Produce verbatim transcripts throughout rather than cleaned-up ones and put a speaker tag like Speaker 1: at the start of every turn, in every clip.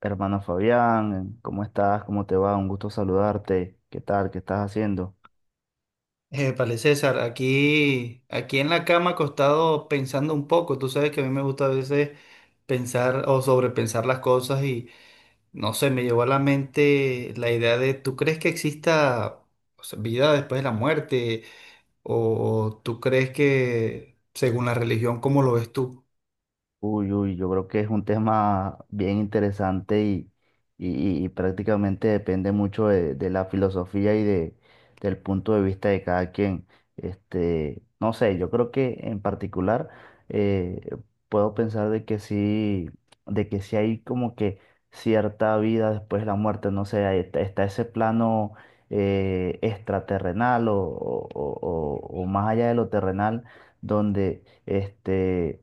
Speaker 1: Hermano Fabián, ¿cómo estás? ¿Cómo te va? Un gusto saludarte. ¿Qué tal? ¿Qué estás haciendo?
Speaker 2: Vale, César, aquí, aquí en la cama acostado pensando un poco. Tú sabes que a mí me gusta a veces pensar o sobrepensar las cosas y no sé, me llevó a la mente la idea de, ¿tú crees que exista, o sea, vida después de la muerte? ¿O tú crees que, según la religión, cómo lo ves tú?
Speaker 1: Uy, uy, yo creo que es un tema bien interesante y, y- y prácticamente depende mucho de, de la filosofía y de, del punto de vista de cada quien. Este, no sé, yo creo que en particular eh, puedo pensar de que sí, de que sí hay como que cierta vida después de la muerte. No sé, ahí está, está ese plano eh, extraterrenal o, o o- o- o más allá de lo terrenal donde este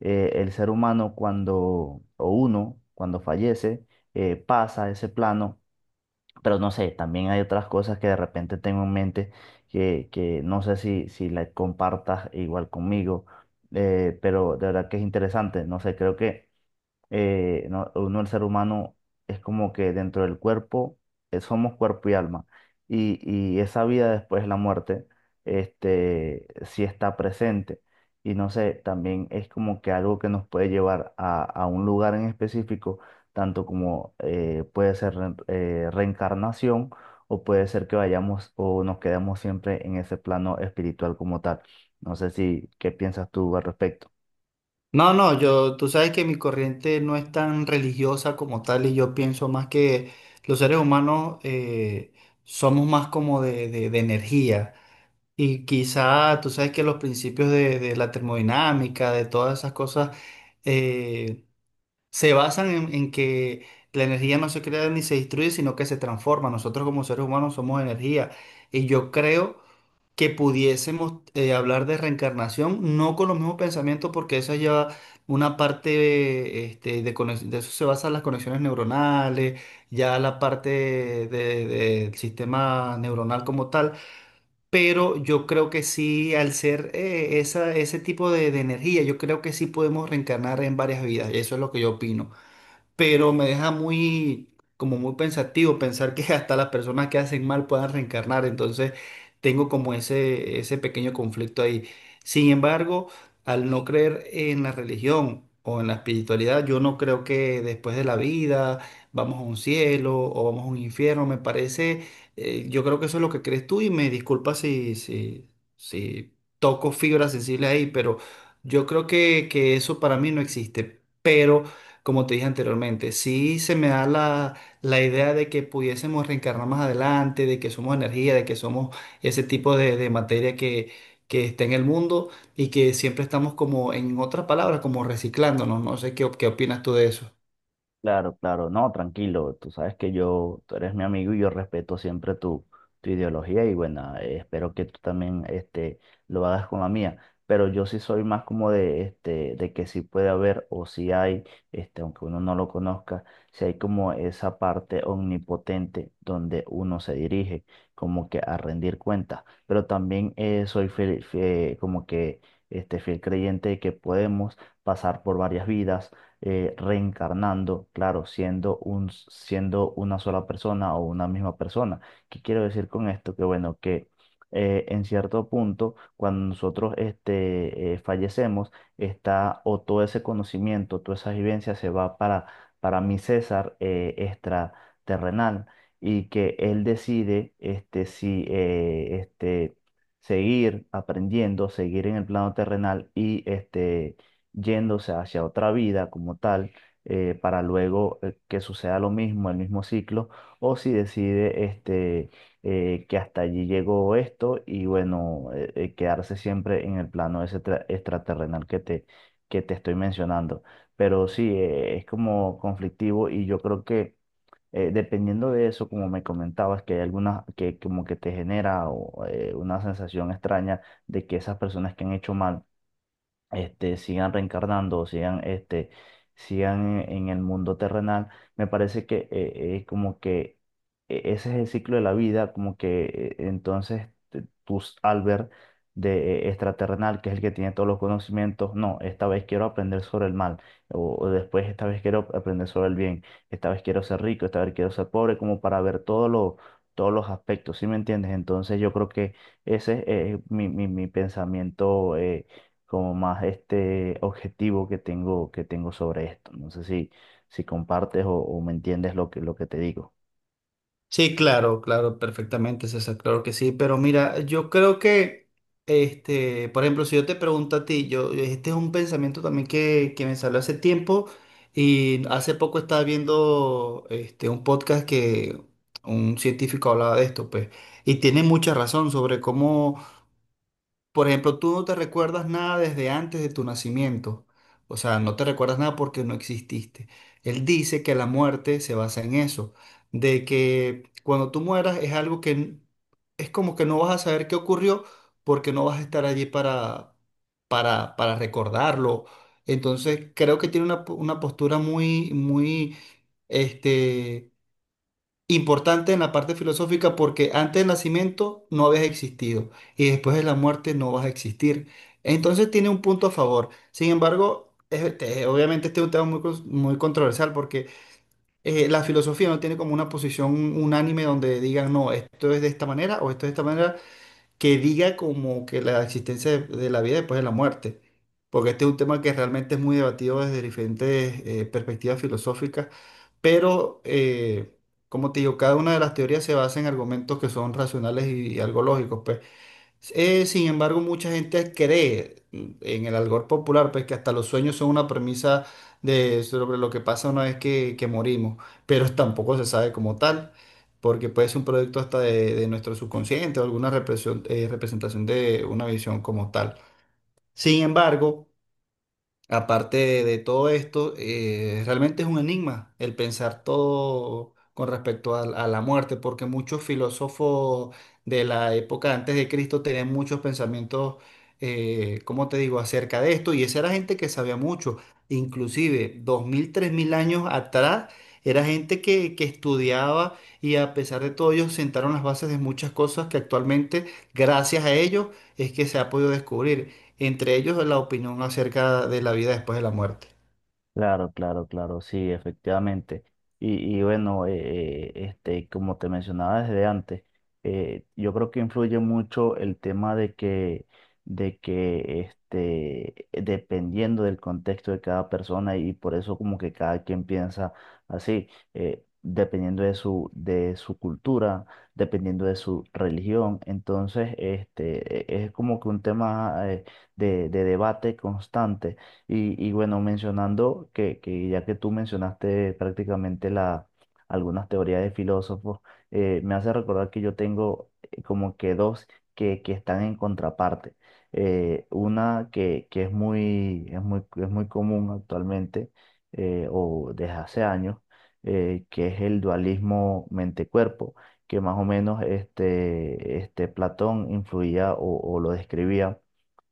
Speaker 1: eh, el ser humano cuando, o uno, cuando fallece, eh, pasa a ese plano, pero no sé, también hay otras cosas que de repente tengo en mente que, que no sé si, si la compartas igual conmigo, eh, pero de verdad que es interesante, no sé, creo que eh, no- uno, el ser humano, es como que dentro del cuerpo, eh, somos cuerpo y alma. Y, y esa vida después de la muerte, este, sí está presente. Y no sé, también es como que algo que nos puede llevar a, a un lugar en específico, tanto como eh, puede ser re- eh, reencarnación o puede ser que vayamos o nos quedemos siempre en ese plano espiritual como tal. No sé si, ¿qué piensas tú al respecto?
Speaker 2: No, no, yo, tú sabes que mi corriente no es tan religiosa como tal y yo pienso más que los seres humanos eh, somos más como de, de de energía. Y quizá tú sabes que los principios de, de la termodinámica, de todas esas cosas, eh, se basan en, en que la energía no se crea ni se destruye, sino que se transforma. Nosotros como seres humanos somos energía. Y yo creo que pudiésemos eh, hablar de reencarnación, no con los mismos pensamientos, porque eso lleva una parte, este, de, conex- de eso se basan las conexiones neuronales, ya la parte de- de- del sistema neuronal como tal. Pero yo creo que sí, al ser eh, esa, ese tipo de, de energía, yo creo que sí podemos reencarnar en varias vidas. Eso es lo que yo opino, pero me deja muy, como muy pensativo pensar que hasta las personas que hacen mal puedan reencarnar, entonces tengo como ese, ese pequeño conflicto ahí. Sin embargo, al no creer en la religión o en la espiritualidad, yo no creo que después de la vida vamos a un cielo o vamos a un infierno, me parece. Eh, yo creo que eso es lo que crees tú, y me disculpa si, si, si toco fibras sensibles ahí, pero yo creo que, que eso para mí no existe, pero como te dije anteriormente, sí se me da la, la idea de que pudiésemos reencarnar más adelante, de que somos energía, de que somos ese tipo de, de materia que, que está en el mundo y que siempre estamos como, en otras palabras, como reciclándonos. No No sé qué, op- qué opinas tú de eso.
Speaker 1: Claro, claro, no, tranquilo, tú sabes que yo, tú eres mi amigo y yo respeto siempre tu, tu ideología y bueno, eh, espero que tú también este, lo hagas con la mía, pero yo sí soy más como de, este, de que sí puede haber o sí hay, este, aunque uno no lo conozca, si hay como esa parte omnipotente donde uno se dirige como que a rendir cuentas, pero también eh, soy fiel- fie- como que este, fiel creyente de que podemos pasar por varias vidas eh, reencarnando, claro, siendo un, siendo una sola persona o una misma persona. ¿Qué quiero decir con esto? Que bueno, que eh, en cierto punto, cuando nosotros este, eh, fallecemos, está o todo ese conocimiento, toda esa vivencia se va para, para mi César eh, extraterrenal, y que él decide este, si eh, este, seguir aprendiendo, seguir en el plano terrenal y este yéndose hacia otra vida como tal, eh, para luego eh, que suceda lo mismo, el mismo ciclo, o si decide este, eh, que hasta allí llegó esto y bueno, eh, eh, quedarse siempre en el plano ese tra- extraterrenal que te, que te estoy mencionando. Pero sí, eh, es como conflictivo y yo creo que eh, dependiendo de eso, como me comentabas, que hay algunas que como que te genera o, eh, una sensación extraña de que esas personas que han hecho mal este, sigan reencarnando, sigan, este, sigan en, en el mundo terrenal, me parece que eh, es como que eh, ese es el ciclo de la vida, como que eh, entonces te- tus Albert de eh, extraterrenal, que es el que tiene todos los conocimientos, no, esta vez quiero aprender sobre el mal, o, o después esta vez quiero aprender sobre el bien, esta vez quiero ser rico, esta vez quiero ser pobre, como para ver todos los todos los aspectos, ¿sí me entiendes? Entonces yo creo que ese es eh, mi, mi, mi pensamiento, eh, como más este objetivo que tengo, que tengo sobre esto. No sé si, si compartes o, o me entiendes lo que, lo que te digo.
Speaker 2: Sí, claro, claro, perfectamente, César, claro que sí, pero mira, yo creo que, este, por ejemplo, si yo te pregunto a ti, yo, este es un pensamiento también que, que me salió hace tiempo, y hace poco estaba viendo, este, un podcast que un científico hablaba de esto, pues, y tiene mucha razón sobre cómo, por ejemplo, tú no te recuerdas nada desde antes de tu nacimiento. O sea, no te recuerdas nada porque no exististe. Él dice que la muerte se basa en eso, de que cuando tú mueras es algo que n- es como que no vas a saber qué ocurrió porque no vas a estar allí para, para, para recordarlo. Entonces, creo que tiene una, po- una postura muy, muy, este, importante en la parte filosófica, porque antes del nacimiento no habías existido y después de la muerte no vas a existir. Entonces tiene un punto a favor. Sin embargo, es- este, obviamente este es un tema muy, cons- muy controversial, porque eh, la filosofía no tiene como una posición unánime donde digan, no, esto es de esta manera o esto es de esta manera, que diga como que la existencia de, de la vida después de la muerte, porque este es un tema que realmente es muy debatido desde diferentes eh, perspectivas filosóficas, pero eh, como te digo, cada una de las teorías se basa en argumentos que son racionales y, y algo lógicos, pues. Eh, sin embargo, mucha gente cree mm, en el algor popular, pues, que hasta los sueños son una premisa de, sobre lo que pasa una vez que, que morimos, pero tampoco se sabe como tal, porque puede ser un producto hasta de, de nuestro subconsciente o alguna represión- eh, representación de una visión como tal. Sin embargo, aparte de, de todo esto, eh, realmente es un enigma el pensar todo con respecto a, a la muerte, porque muchos filósofos de la época antes de Cristo tenían muchos pensamientos, eh, ¿cómo te digo?, acerca de esto, y esa era gente que sabía mucho, inclusive dos mil, tres mil años atrás. Era gente que, que estudiaba, y a pesar de todo, ellos sentaron las bases de muchas cosas que actualmente, gracias a ellos, es que se ha podido descubrir, entre ellos la opinión acerca de la vida después de la muerte.
Speaker 1: Claro, claro, claro, sí, efectivamente. Y, y bueno, eh, eh, este, como te mencionaba desde antes, eh, yo creo que influye mucho el tema de que, de que este, dependiendo del contexto de cada persona y por eso como que cada quien piensa así, eh, dependiendo de su, de su cultura, dependiendo de su religión. Entonces, este, e- es como que un tema, eh, de de debate constante y, y bueno, mencionando que, que ya que tú mencionaste prácticamente la, algunas teorías de filósofos, eh, me hace recordar que yo tengo eh, como que dos que, que están en contraparte. Eh, una que, que es muy, es muy, es muy común actualmente eh, o desde hace años, eh, que es el dualismo mente-cuerpo, que más o menos este, este Platón influía o, o lo describía,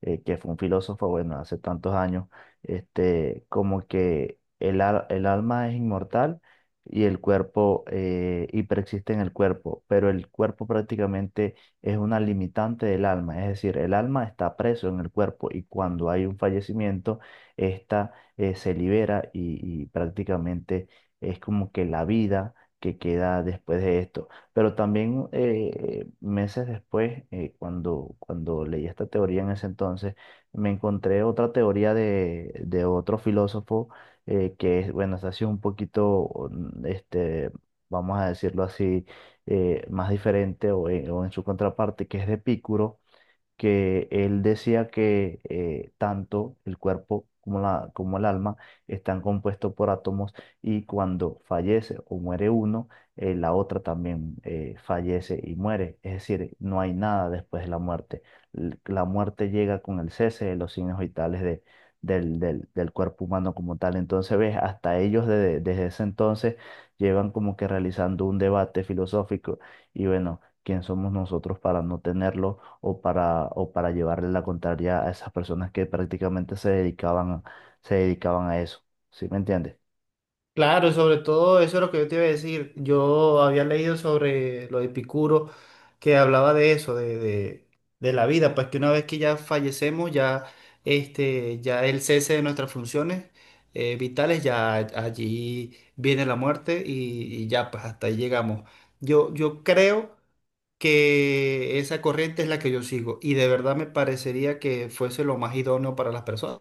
Speaker 1: eh, que fue un filósofo, bueno, hace tantos años este, como que el, al- el alma es inmortal y el cuerpo, eh, y persiste en el cuerpo, pero el cuerpo prácticamente es una limitante del alma, es decir, el alma está preso en el cuerpo y cuando hay un fallecimiento, esta eh, se libera y, y prácticamente es como que la vida que queda después de esto. Pero también eh, meses después, eh, cuando, cuando leí esta teoría en ese entonces, me encontré otra teoría de, de otro filósofo eh, que, es, bueno, esta ha sido un poquito, mm, este, vamos a decirlo así, eh, más diferente o en, o en su contraparte, que es de Epicuro, que él decía que eh, tanto el cuerpo como, la, como el alma están compuestos por átomos y cuando fallece o muere uno, eh, la otra también eh, fallece y muere. Es decir, no hay nada después de la muerte. L- La muerte llega con el cese de los signos vitales de- del, del- del cuerpo humano como tal. Entonces, ves, hasta ellos desde, desde ese entonces llevan como que realizando un debate filosófico y bueno, ¿quién somos nosotros para no tenerlo? O para, o para llevarle la contraria a esas personas que prácticamente se dedicaban, se dedicaban a eso. ¿Sí me entiendes?
Speaker 2: Claro, y sobre todo eso es lo que yo te iba a decir. Yo había leído sobre lo de Epicuro, que hablaba de eso, de, de- de la vida, pues que una vez que ya fallecemos, ya, este, ya el cese de nuestras funciones eh, vitales, ya allí viene la muerte y, y ya, pues hasta ahí llegamos. Yo, yo creo que esa corriente es la que yo sigo, y de verdad me parecería que fuese lo más idóneo para las personas.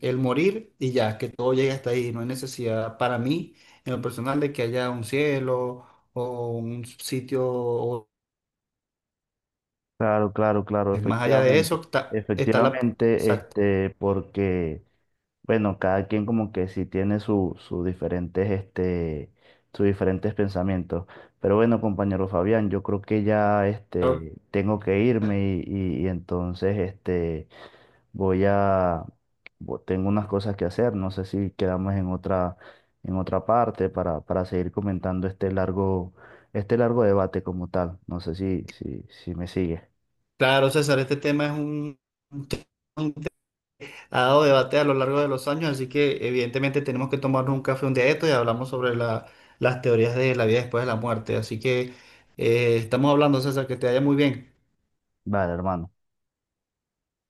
Speaker 2: El morir y ya, que todo llegue hasta ahí. No hay necesidad para mí, en lo personal, de que haya un cielo o un sitio o-
Speaker 1: Claro, claro, claro,
Speaker 2: más allá de
Speaker 1: efectivamente.
Speaker 2: eso. Está, está la.
Speaker 1: Efectivamente,
Speaker 2: Exacto.
Speaker 1: este, porque, bueno, cada quien como que sí tiene su- sus diferentes, este, sus diferentes pensamientos. Pero bueno, compañero Fabián, yo creo que ya,
Speaker 2: Claro,
Speaker 1: este, tengo que irme y, y- y entonces, este, voy a, bo- tengo unas cosas que hacer, no sé si quedamos en otra, en otra parte para, para seguir comentando este largo, este largo debate como tal. No sé si, si, si me sigue.
Speaker 2: claro, César, este tema es un, un tema que ha dado debate a lo largo de los años, así que evidentemente tenemos que tomarnos un café un día de esto y hablamos sobre la- las teorías de la vida después de la muerte. Así que eh, estamos hablando, César, que te vaya muy bien.
Speaker 1: Vale, hermano.